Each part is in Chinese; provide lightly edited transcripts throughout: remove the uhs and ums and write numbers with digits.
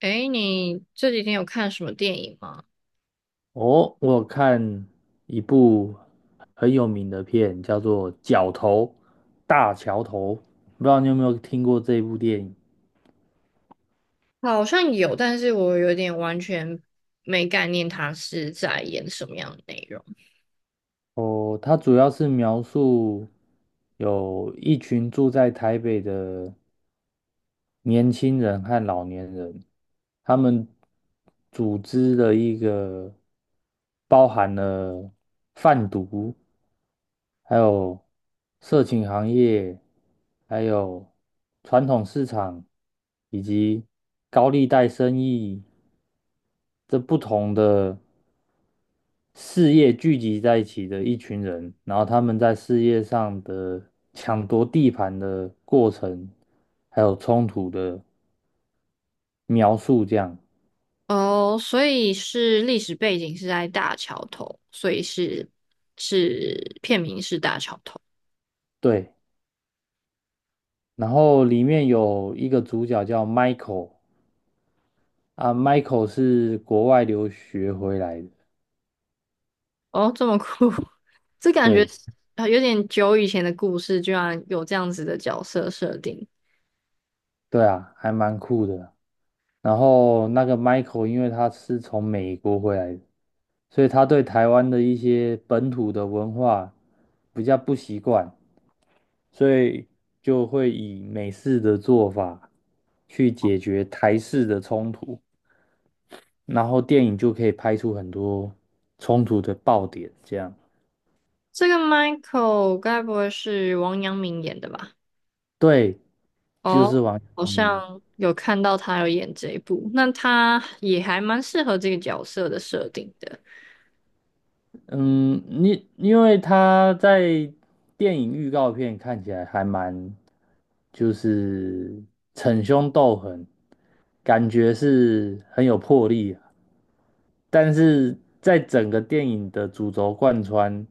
诶，你这几天有看什么电影吗？哦，我有看一部很有名的片，叫做《角头大桥头》，不知道你有没有听过这部电影？好像有，但是我有点完全没概念，他是在演什么样的内容。哦，它主要是描述有一群住在台北的年轻人和老年人，他们组织了一个包含了贩毒，还有色情行业，还有传统市场，以及高利贷生意，这不同的事业聚集在一起的一群人，然后他们在事业上的抢夺地盘的过程，还有冲突的描述，这样。哦，所以是历史背景是在大桥头，所以是片名是大桥头。对。然后里面有一个主角叫 Michael 啊，Michael 是国外留学回来的，哦，这么酷，这感觉对。啊有点久以前的故事，居然有这样子的角色设定。对啊，还蛮酷的啊。然后那个 Michael，因为他是从美国回来的，所以他对台湾的一些本土的文化比较不习惯，所以就会以美式的做法去解决台式的冲突，然后电影就可以拍出很多冲突的爆点。这样，这个 Michael 该不会是王阳明演的吧？对，就是哦，王阳好明。像有看到他有演这一部，那他也还蛮适合这个角色的设定的。嗯，你因为他在电影预告片看起来还蛮，就是逞凶斗狠，感觉是很有魄力啊，但是在整个电影的主轴贯穿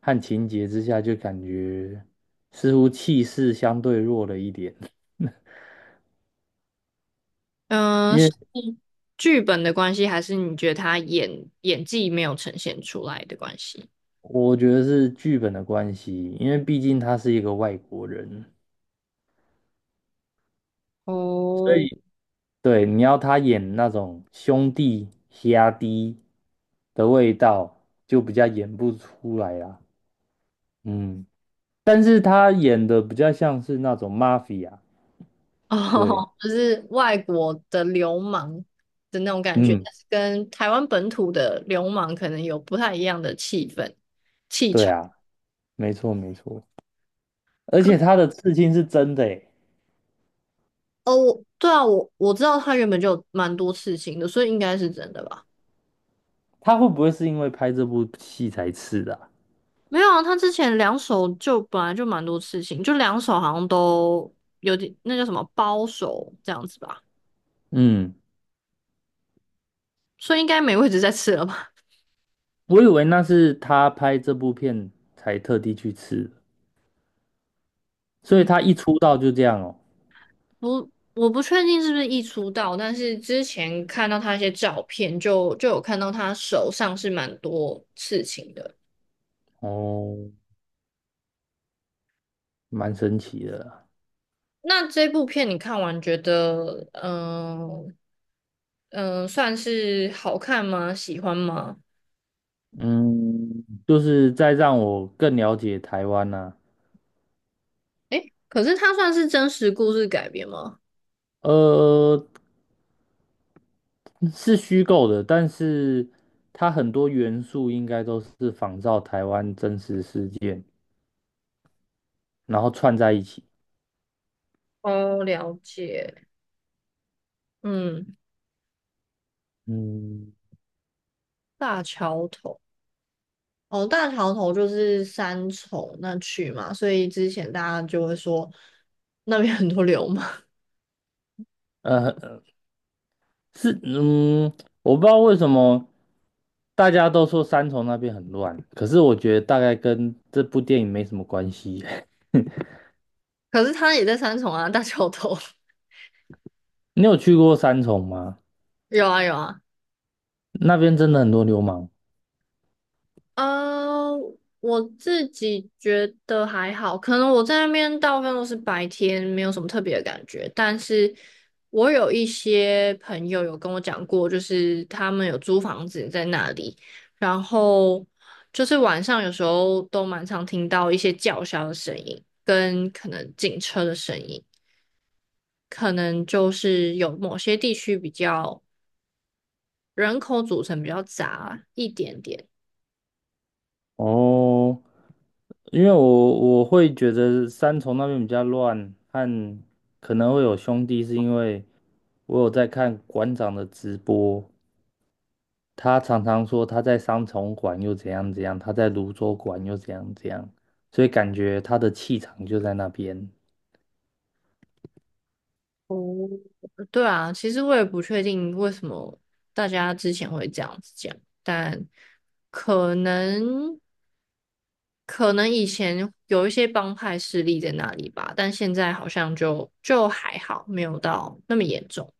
和情节之下，就感觉似乎气势相对弱了一点。因嗯、是为剧本的关系，还是你觉得他演技没有呈现出来的关系？我觉得是剧本的关系，因为毕竟他是一个外国人。所哦，以。对，你要他演那种兄弟的味道，就比较演不出来啦。嗯，但是他演的比较像是那种 mafia。对，哦，就是外国的流氓的那种感觉，嗯，但是跟台湾本土的流氓可能有不太一样的气氛气对场。啊，没错没错。而可且他的刺青是真的诶，哦，我对啊，我知道他原本就有蛮多刺青的，所以应该是真的吧。他会不会是因为拍这部戏才刺的啊。没有啊，他之前两手就本来就蛮多事情，就两手好像都有点那叫什么包手这样子吧，嗯，所以应该没位置再吃了吧？我以为那是他拍这部片才特地去刺的。 所以嗯，他一出道就这样哦。不，我不确定是不是一出道，但是之前看到他一些照片就有看到他手上是蛮多事情的。哦，蛮神奇的啦。那这部片你看完觉得，嗯、嗯、算是好看吗？喜欢吗？嗯，就是在让我更了解台湾呐。可是它算是真实故事改编吗？呃，是虚构的，但是它很多元素应该都是仿照台湾真实事件，然后串在一起。哦，了解，嗯。嗯。大桥头哦，大桥头就是三重那区嘛，所以之前大家就会说那边很多流氓，呃，是，我不知道为什么大家都说三重那边很乱，可是我觉得大概跟这部电影没什么关系。可是他也在三重啊，大桥头 你有去过三重吗？有啊有啊，那边真的很多流氓呃，我自己觉得还好，可能我在那边大部分都是白天，没有什么特别的感觉。但是我有一些朋友有跟我讲过，就是他们有租房子在那里，然后就是晚上有时候都蛮常听到一些叫嚣的声音，跟可能警车的声音，可能就是有某些地区比较人口组成比较杂一点点。哦。因为我会觉得三重那边比较乱，和可能会有兄弟，是因为我有在看馆长的直播，他常常说他在三重馆又怎样怎样，他在泸州馆又怎样怎样，所以感觉他的气场就在那边。对啊，其实我也不确定为什么大家之前会这样子讲，但可能可能以前有一些帮派势力在那里吧，但现在好像就还好，没有到那么严重。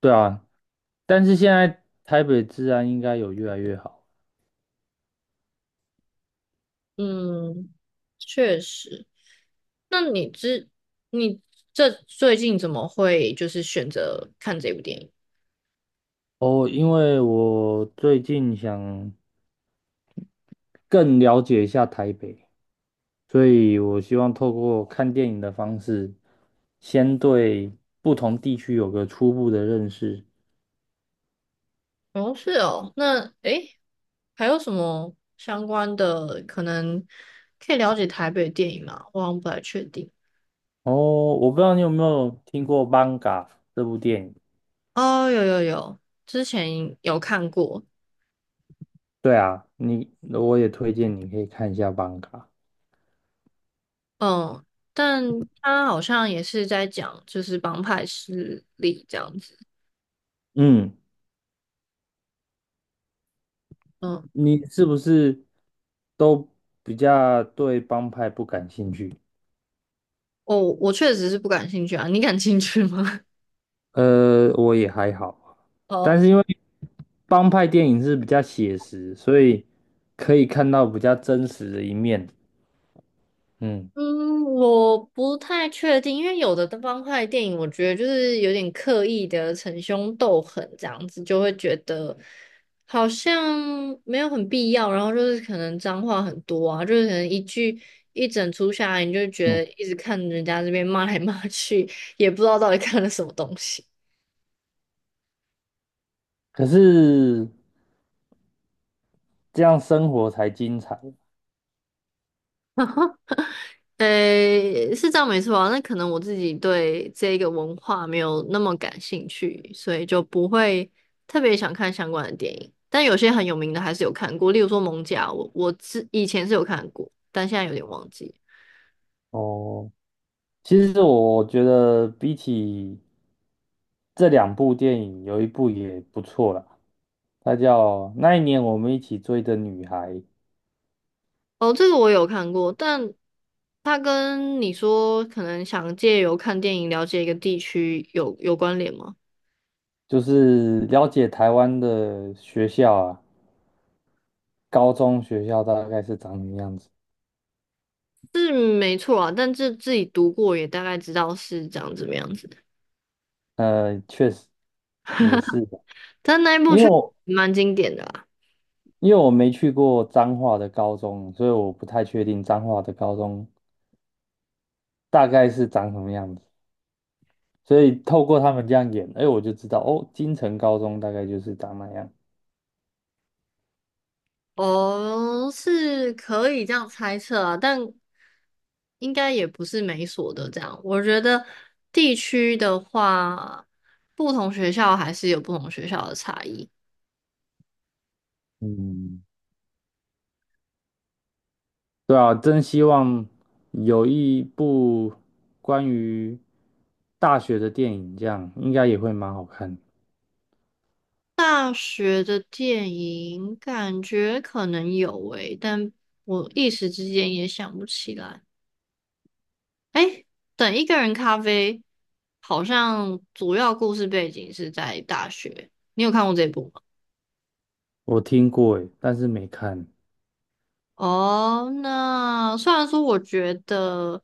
对啊，但是现在台北治安应该有越来越好。嗯，确实。那你这最近怎么会就是选择看这部电影？哦，因为我最近想更了解一下台北。所以我希望透过看电影的方式，先对不同地区有个初步的认识。哦，是哦，那诶，还有什么相关的可能可以了解台北的电影吗？我好像不太确定。哦，我不知道你有没有听过《邦嘎》这部电影？哦，有有有，之前有看过，对啊，我也推荐你可以看一下《邦嘎》。嗯，但他好像也是在讲就是帮派势力这样子，嗯，嗯，你是不是都比较对帮派不感兴趣？哦，我确实是不感兴趣啊，你感兴趣吗？我也还好，但哦。是因为帮派电影是比较写实，所以可以看到比较真实的一面。嗯。嗯，我不太确定，因为有的方块电影，我觉得就是有点刻意的逞凶斗狠这样子，就会觉得好像没有很必要，然后就是可能脏话很多啊，就是可能一句一整出下来，你就觉得一直看人家这边骂来骂去，也不知道到底看了什么东西。可是这样生活才精彩。诶，是这样没错啊。那可能我自己对这个文化没有那么感兴趣，所以就不会特别想看相关的电影。但有些很有名的还是有看过，例如说《蒙甲》我，以前是有看过，但现在有点忘记。哦。其实我觉得比起这两部电影，有一部也不错啦，它叫《那一年我们一起追的女孩》，哦，这个我有看过，但它跟你说可能想借由看电影了解一个地区有关联吗？就是了解台湾的学校啊，高中学校大概是长什么样子。是没错啊，但这自己读过也大概知道是长怎么样子。确实也是的，但那一部因为却我蛮经典的啦。因为我没去过彰化的高中，所以我不太确定彰化的高中大概是长什么样子。所以透过他们这样演，哎，我就知道哦，金城高中大概就是长那样。哦，是可以这样猜测啊，但应该也不是每所的这样。我觉得地区的话，不同学校还是有不同学校的差异。嗯，对啊，真希望有一部关于大学的电影，这样应该也会蛮好看。大学的电影感觉可能有诶，但我一时之间也想不起来。诶，等一个人咖啡，好像主要故事背景是在大学。你有看过这部？吗？我听过诶，但是没看。哦，那虽然说我觉得，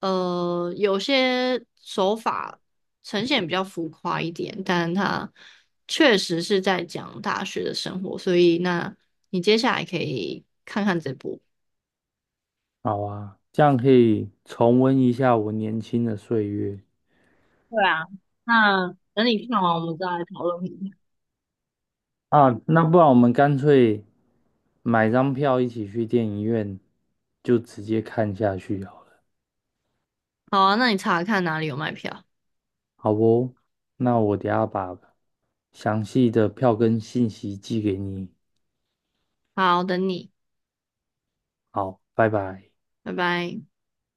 有些手法呈现比较浮夸一点，但它确实是在讲大学的生活，所以那你接下来可以看看这部。好啊，这样可以重温一下我年轻的岁月。对啊，那等你看完，我们再来讨论。啊。那不然我们干脆买张票一起去电影院，就直接看下去啊。好啊，那你查看哪里有卖票。好不，那我等下把详细的票根信息寄给你。好，等你，好，拜拜。拜拜。